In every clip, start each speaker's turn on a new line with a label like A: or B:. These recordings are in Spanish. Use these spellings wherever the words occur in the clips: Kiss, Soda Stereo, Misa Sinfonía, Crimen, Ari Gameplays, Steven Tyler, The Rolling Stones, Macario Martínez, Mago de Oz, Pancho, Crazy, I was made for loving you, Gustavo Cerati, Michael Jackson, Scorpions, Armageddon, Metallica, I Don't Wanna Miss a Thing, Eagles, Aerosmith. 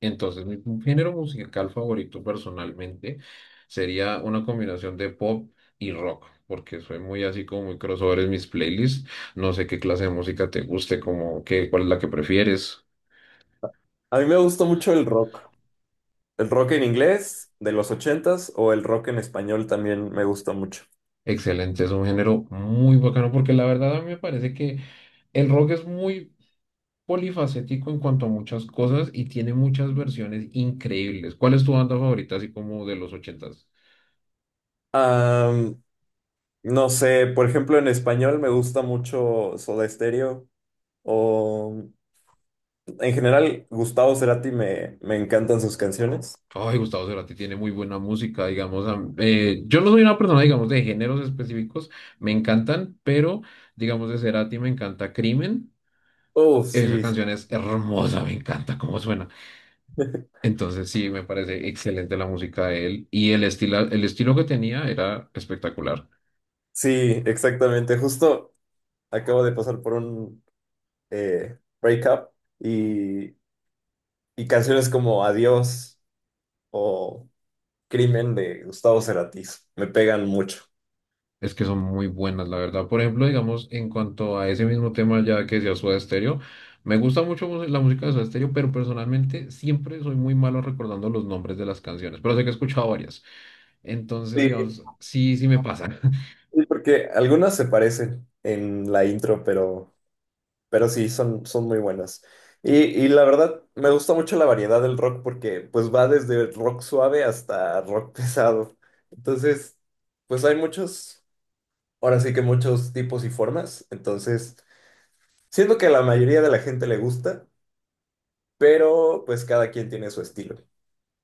A: Entonces, mi género musical favorito personalmente sería una combinación de pop y rock, porque soy muy así como muy crossover en mis playlists. No sé qué clase de música te guste, como cuál es la que prefieres.
B: A mí me gusta mucho el rock. El rock en inglés de los ochentas o el rock en español también me gusta mucho.
A: Excelente, es un género muy bacano, porque la verdad a mí me parece que el rock es muy polifacético en cuanto a muchas cosas y tiene muchas versiones increíbles. ¿Cuál es tu banda favorita, así como de los 80s?
B: Am, no sé, por ejemplo, en español me gusta mucho Soda Stereo o en general Gustavo Cerati me encantan sus canciones.
A: Ay, Gustavo Cerati tiene muy buena música, digamos. Yo no soy una persona, digamos, de géneros específicos, me encantan, pero, digamos, de Cerati me encanta Crimen.
B: Oh,
A: Esa
B: sí.
A: canción es hermosa, me encanta cómo suena. Entonces, sí, me parece excelente la música de él y el estilo que tenía era espectacular.
B: Sí, exactamente. Justo acabo de pasar por un breakup y, y canciones como Adiós o Crimen de Gustavo Cerati me pegan mucho.
A: Es que son muy buenas, la verdad. Por ejemplo, digamos, en cuanto a ese mismo tema ya que decía Soda Stereo, me gusta mucho la música de Soda Stereo, pero personalmente siempre soy muy malo recordando los nombres de las canciones, pero sé que he escuchado varias. Entonces,
B: Sí.
A: digamos, sí, sí me pasa.
B: Sí, porque algunas se parecen en la intro, pero sí, son, son muy buenas. Y la verdad, me gusta mucho la variedad del rock porque pues va desde rock suave hasta rock pesado. Entonces, pues hay muchos, ahora sí que muchos tipos y formas. Entonces, siento que a la mayoría de la gente le gusta, pero pues cada quien tiene su estilo.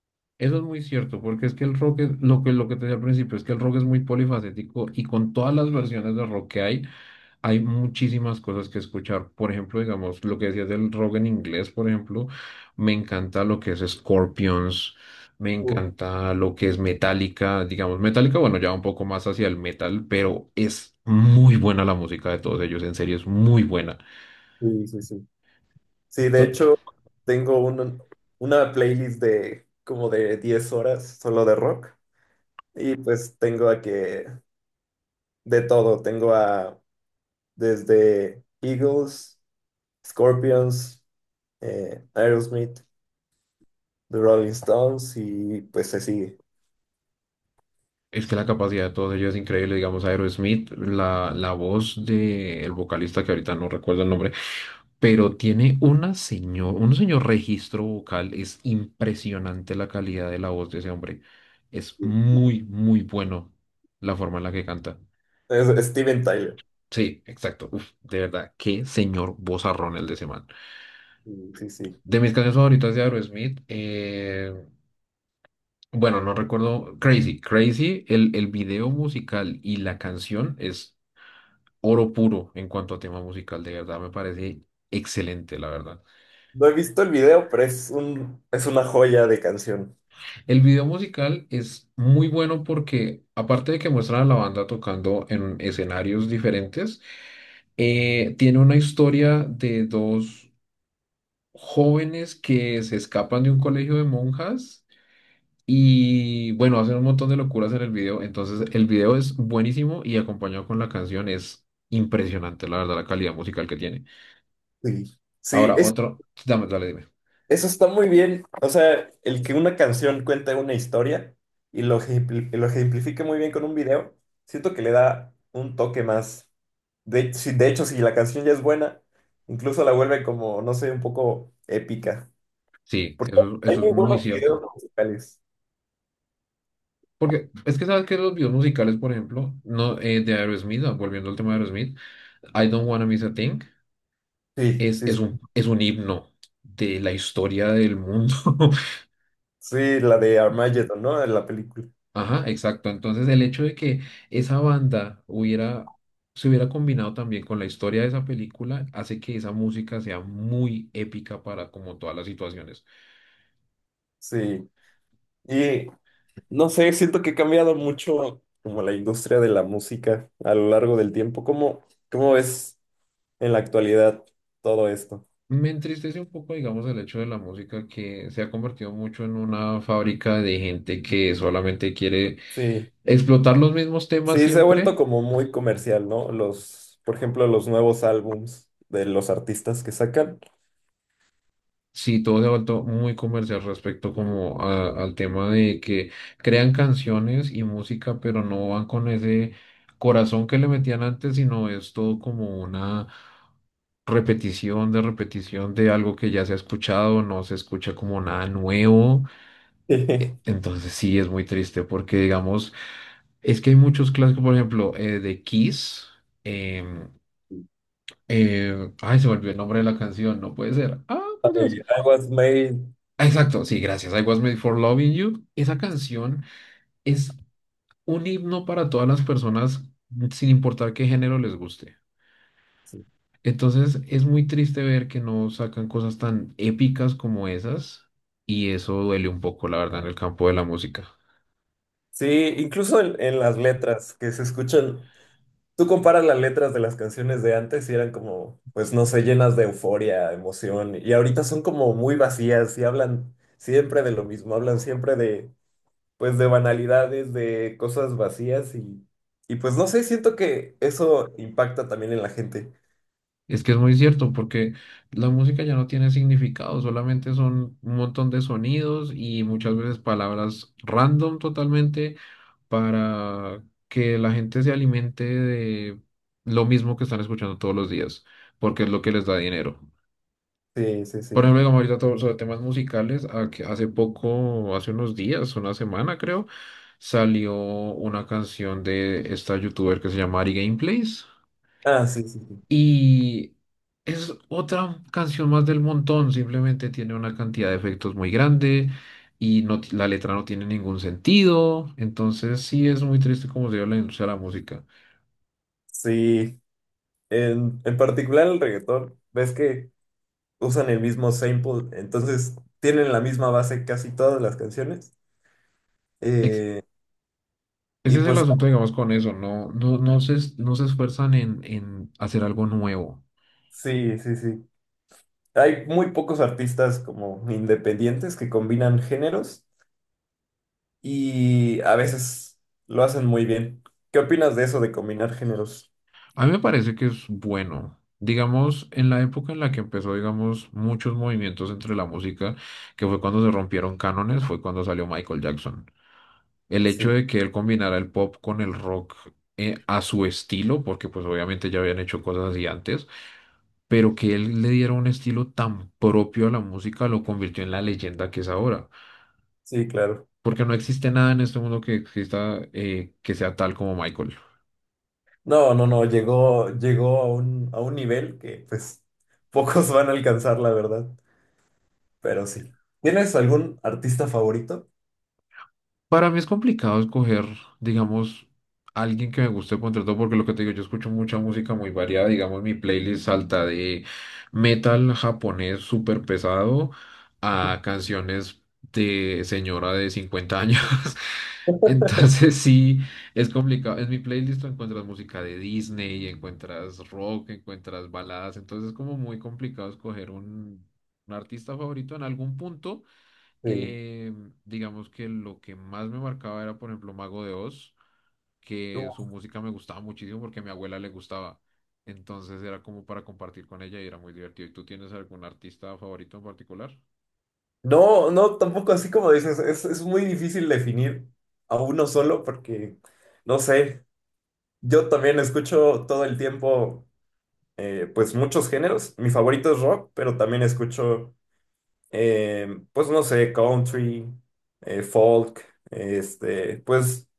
A: Eso es muy cierto, porque es que el rock, lo que te decía al principio, es que el rock es muy polifacético y con todas las versiones de rock que hay. Hay muchísimas cosas que escuchar. Por ejemplo, digamos, lo que decías del rock en inglés, por ejemplo, me encanta lo que es Scorpions, me
B: Uh,
A: encanta lo que es Metallica, digamos, Metallica, bueno, ya va un poco más hacia el metal, pero es muy buena la música de todos ellos, en serio, es muy buena.
B: sí, sí, sí. Sí, de
A: So-
B: hecho, tengo un- una playlist de como de 10 horas solo de rock. Y pues tengo a que de todo, tengo a desde Eagles, Scorpions, Aerosmith, The Rolling Stones y pues se sigue.
A: Es que la capacidad de todos ellos es increíble, digamos, Aerosmith, la voz del vocalista, que ahorita no recuerdo el nombre, pero tiene un señor registro vocal. Es impresionante la calidad de la voz de ese hombre. Es muy, muy bueno la forma en la que canta.
B: Es Steven Tyler.
A: Sí, exacto. Uf, de verdad, qué señor vozarrón el de ese man.
B: Sí, sí, sí.
A: De mis canciones favoritas de Aerosmith, bueno, no recuerdo. Crazy, Crazy, el video musical y la canción es oro puro en cuanto a tema musical. De verdad, me parece excelente, la verdad.
B: No he visto el video, pero es una joya de canción.
A: El video musical es muy bueno porque, aparte de que muestra a la banda tocando en escenarios diferentes, tiene una historia de dos jóvenes que se escapan de un colegio de monjas y, bueno, hacen un montón de locuras en el video. Entonces, el video es buenísimo y acompañado con la canción es impresionante, la verdad, la calidad musical que tiene.
B: Sí. Sí,
A: Ahora,
B: es
A: otro, dime.
B: Eso está muy bien. O sea, el que una canción cuente una historia y y lo ejemplifique muy bien con un video, siento que le da un toque más. De hecho, si la canción ya es buena, incluso la vuelve como, no sé, un poco épica.
A: Sí, eso,
B: Hay
A: eso es
B: muy
A: muy
B: buenos videos
A: cierto.
B: musicales.
A: Porque es que sabes que los videos musicales, por ejemplo, no, de Aerosmith, volviendo al tema de Aerosmith, I Don't Wanna Miss a Thing
B: Sí,
A: es,
B: sí,
A: es
B: sí.
A: un, es un himno de la historia del mundo.
B: Sí, la de Armageddon, ¿no? En la película.
A: Ajá, exacto. Entonces el hecho de que esa banda se hubiera combinado también con la historia de esa película hace que esa música sea muy épica para como todas las situaciones.
B: Sí. Y no sé, siento que ha cambiado mucho como la industria de la música a lo largo del tiempo. Cómo es en la actualidad todo esto?
A: Me entristece un poco, digamos, el hecho de la música que se ha convertido mucho en una fábrica de gente que solamente quiere
B: Sí,
A: explotar los mismos temas
B: sí, se ha
A: siempre.
B: vuelto como muy comercial, ¿no? Los, por ejemplo, los nuevos álbums de los artistas que sacan.
A: Sí, todo se ha vuelto muy comercial respecto como al tema de que crean canciones y música, pero no van con ese corazón que le metían antes, sino es todo como una repetición de algo que ya se ha escuchado, no se escucha como nada nuevo.
B: Ay,
A: Entonces sí, es muy triste porque digamos, es que hay muchos clásicos, por ejemplo, de Kiss. em, ay, se me olvidó el nombre de la canción, no puede ser. Ah, por Dios.
B: I was made.
A: Ah, exacto, sí, gracias. I was made for loving you. Esa canción es un himno para todas las personas, sin importar qué género les guste.
B: Sí,
A: Entonces, es muy triste ver que no sacan cosas tan épicas como esas, y eso duele un poco, la verdad, en el campo de la música.
B: sí, incluso en las letras que se escuchan. Tú comparas las letras de las canciones de antes y eran como, pues no sé, llenas de euforia, emoción, y ahorita son como muy vacías y hablan siempre de lo mismo, hablan siempre de pues de banalidades, de cosas vacías y pues no sé, siento que eso impacta también en la gente.
A: Es que es muy cierto, porque la música ya no tiene significado, solamente son un montón de sonidos y muchas veces palabras random totalmente para que la gente se alimente de lo mismo que están escuchando todos los días, porque es lo que les da dinero.
B: Sí, sí, sí.
A: Por ejemplo, digamos ahorita todo sobre temas musicales, a que hace poco, hace unos días, una semana creo, salió una canción de esta youtuber que se llama Ari Gameplays
B: Ah, sí, sí, sí.
A: y es otra canción más del montón, simplemente tiene una cantidad de efectos muy grande y no, la letra no tiene ningún sentido, entonces sí es muy triste como se dio la industria de la música.
B: Sí, en particular el reggaetón, ves que usan el mismo sample, entonces tienen la misma base casi todas las canciones.
A: Ex-
B: Eh, y
A: Ese es el
B: pues
A: asunto, digamos, con eso, no se esfuerzan en hacer algo nuevo.
B: sí, sí, sí. Hay muy pocos artistas como independientes que combinan géneros y a veces lo hacen muy bien. ¿Qué opinas de eso de combinar géneros?
A: A mí me parece que es bueno. Digamos, en la época en la que empezó, digamos, muchos movimientos entre la música, que fue cuando se rompieron cánones, fue cuando salió Michael Jackson. El hecho
B: Sí.
A: de que él combinara el pop con el rock a su estilo, porque pues obviamente ya habían hecho cosas así antes, pero que él le diera un estilo tan propio a la música lo convirtió en la leyenda que es ahora.
B: Sí, claro.
A: Porque no existe nada en este mundo que sea tal como Michael.
B: No, no, no, llegó, llegó a un nivel que pues pocos van a alcanzar, la verdad. Pero sí. ¿Tienes algún artista favorito?
A: Para mí es complicado escoger, digamos, alguien que me guste contra todo, porque lo que te digo, yo escucho mucha música muy variada, digamos, mi playlist salta de metal japonés súper pesado a canciones de señora de 50 años. Entonces sí, es complicado. En mi playlist tú encuentras música de Disney, encuentras rock, encuentras baladas, entonces es como muy complicado escoger un artista favorito en algún punto.
B: Digo,
A: Eh, digamos que lo que más me marcaba era, por ejemplo, Mago de Oz, que
B: tú.
A: su música me gustaba muchísimo porque a mi abuela le gustaba. Entonces era como para compartir con ella y era muy divertido. ¿Y tú tienes algún artista favorito en particular?
B: No, no, tampoco así como dices, es muy difícil definir a uno solo porque, no sé, yo también escucho todo el tiempo, pues muchos géneros. Mi favorito es rock, pero también escucho, eh, pues no sé, country, folk, este, pues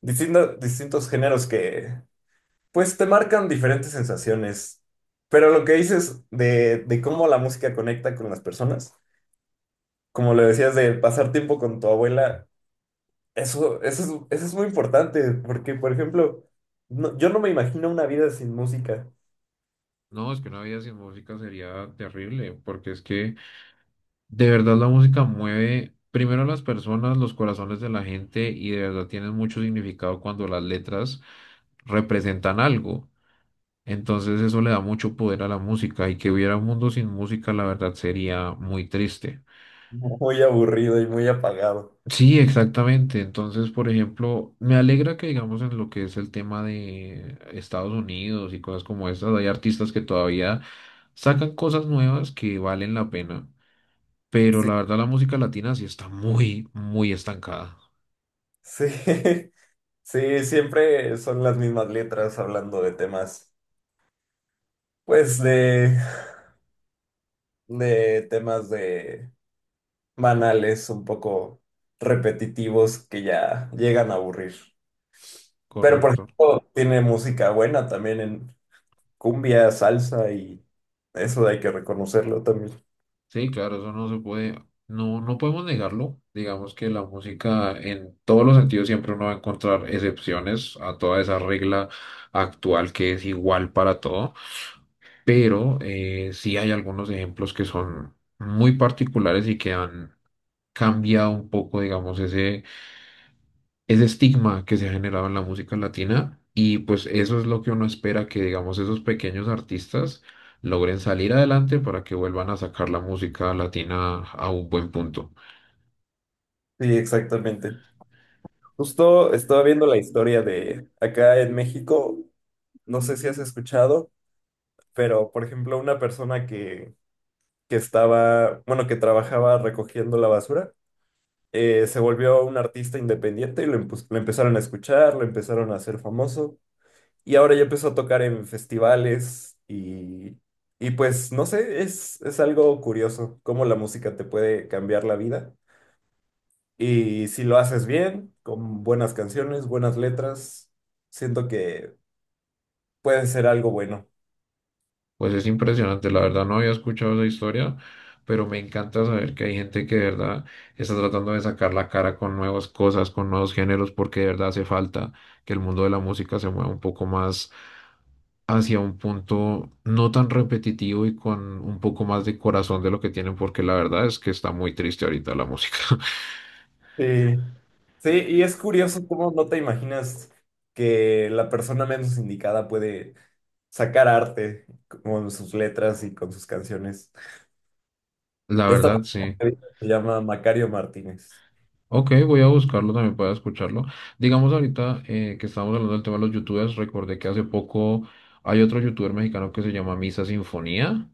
B: distintos géneros que, pues, te marcan diferentes sensaciones. Pero lo que dices de cómo la música conecta con las personas, como le decías de pasar tiempo con tu abuela, eso, eso eso es muy importante, porque, por ejemplo, yo no me imagino una vida sin música,
A: No, es que una vida sin música sería terrible, porque es que de verdad la música mueve primero a las personas, los corazones de la gente y de verdad tienen mucho significado cuando las letras representan algo. Entonces eso le da mucho poder a la música y que hubiera un mundo sin música, la verdad sería muy triste.
B: muy aburrido y muy apagado.
A: Sí, exactamente. Entonces, por ejemplo, me alegra que digamos en lo que es el tema de Estados Unidos y cosas como estas, hay artistas que todavía sacan cosas nuevas que valen la pena, pero
B: Sí,
A: la verdad la música latina sí está muy, muy estancada.
B: sí, sí, siempre son las mismas letras hablando de temas, pues, de temas de banales, un poco repetitivos que ya llegan a aburrir. Pero, por
A: Correcto.
B: ejemplo, tiene música buena también en cumbia, salsa y eso hay que reconocerlo también.
A: Sí, claro, eso no se puede, no, no podemos negarlo. Digamos que la música en todos los sentidos siempre uno va a encontrar excepciones a toda esa regla actual que es igual para todo, pero sí hay algunos ejemplos que son muy particulares y que han cambiado un poco, digamos, ese estigma que se ha generado en la música latina y pues eso es lo que uno espera que digamos esos pequeños artistas logren salir adelante para que vuelvan a sacar la música latina a un buen punto.
B: Sí, exactamente. Justo estaba viendo la historia de acá en México, no sé si has escuchado, pero, por ejemplo, una persona que estaba, bueno, que trabajaba recogiendo la basura. Se volvió un artista independiente y lo empezaron a escuchar, lo empezaron a hacer famoso. Y ahora ya empezó a tocar en festivales y pues no sé, es algo curioso cómo la música te puede cambiar la vida. Y si lo haces bien, con buenas canciones, buenas letras, siento que puede ser algo bueno.
A: Pues es impresionante, la verdad no había escuchado esa historia, pero me encanta saber que hay gente que de verdad está tratando de sacar la cara con nuevas cosas, con nuevos géneros, porque de verdad hace falta que el mundo de la música se mueva un poco más hacia un punto no tan repetitivo y con un poco más de corazón de lo que tienen, porque la verdad es que está muy triste ahorita la música.
B: Sí. Sí, y es curioso cómo no te imaginas que la persona menos indicada puede sacar arte con sus letras y con sus canciones.
A: La
B: Esta
A: verdad, sí.
B: persona se llama Macario Martínez.
A: Ok, voy a buscarlo también para escucharlo. Digamos ahorita que estamos hablando del tema de los youtubers, recordé que hace poco hay otro youtuber mexicano que se llama Misa Sinfonía.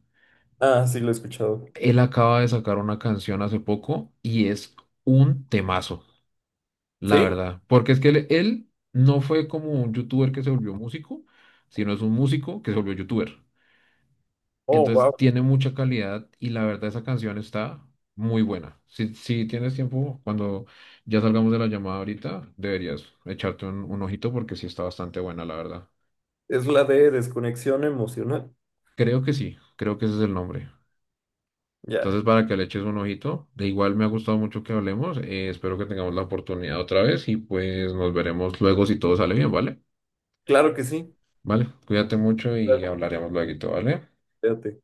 B: Ah, sí, lo he escuchado.
A: Él acaba de sacar una canción hace poco y es un temazo, la
B: Sí.
A: verdad. Porque es que él no fue como un youtuber que se volvió músico, sino es un músico que se volvió youtuber.
B: Oh, wow.
A: Entonces tiene mucha calidad y la verdad esa canción está muy buena. Si tienes tiempo, cuando ya salgamos de la llamada ahorita, deberías echarte un ojito porque sí está bastante buena, la verdad.
B: Es la de desconexión emocional.
A: Creo que sí, creo que ese es el nombre.
B: Ya.
A: Entonces para que le eches un ojito, de igual me ha gustado mucho que hablemos, espero que tengamos la oportunidad otra vez y pues nos veremos luego si todo sale bien, ¿vale?
B: Claro que sí.
A: Vale, cuídate mucho y
B: Claro,
A: hablaremos luego, ¿vale?
B: fíjate.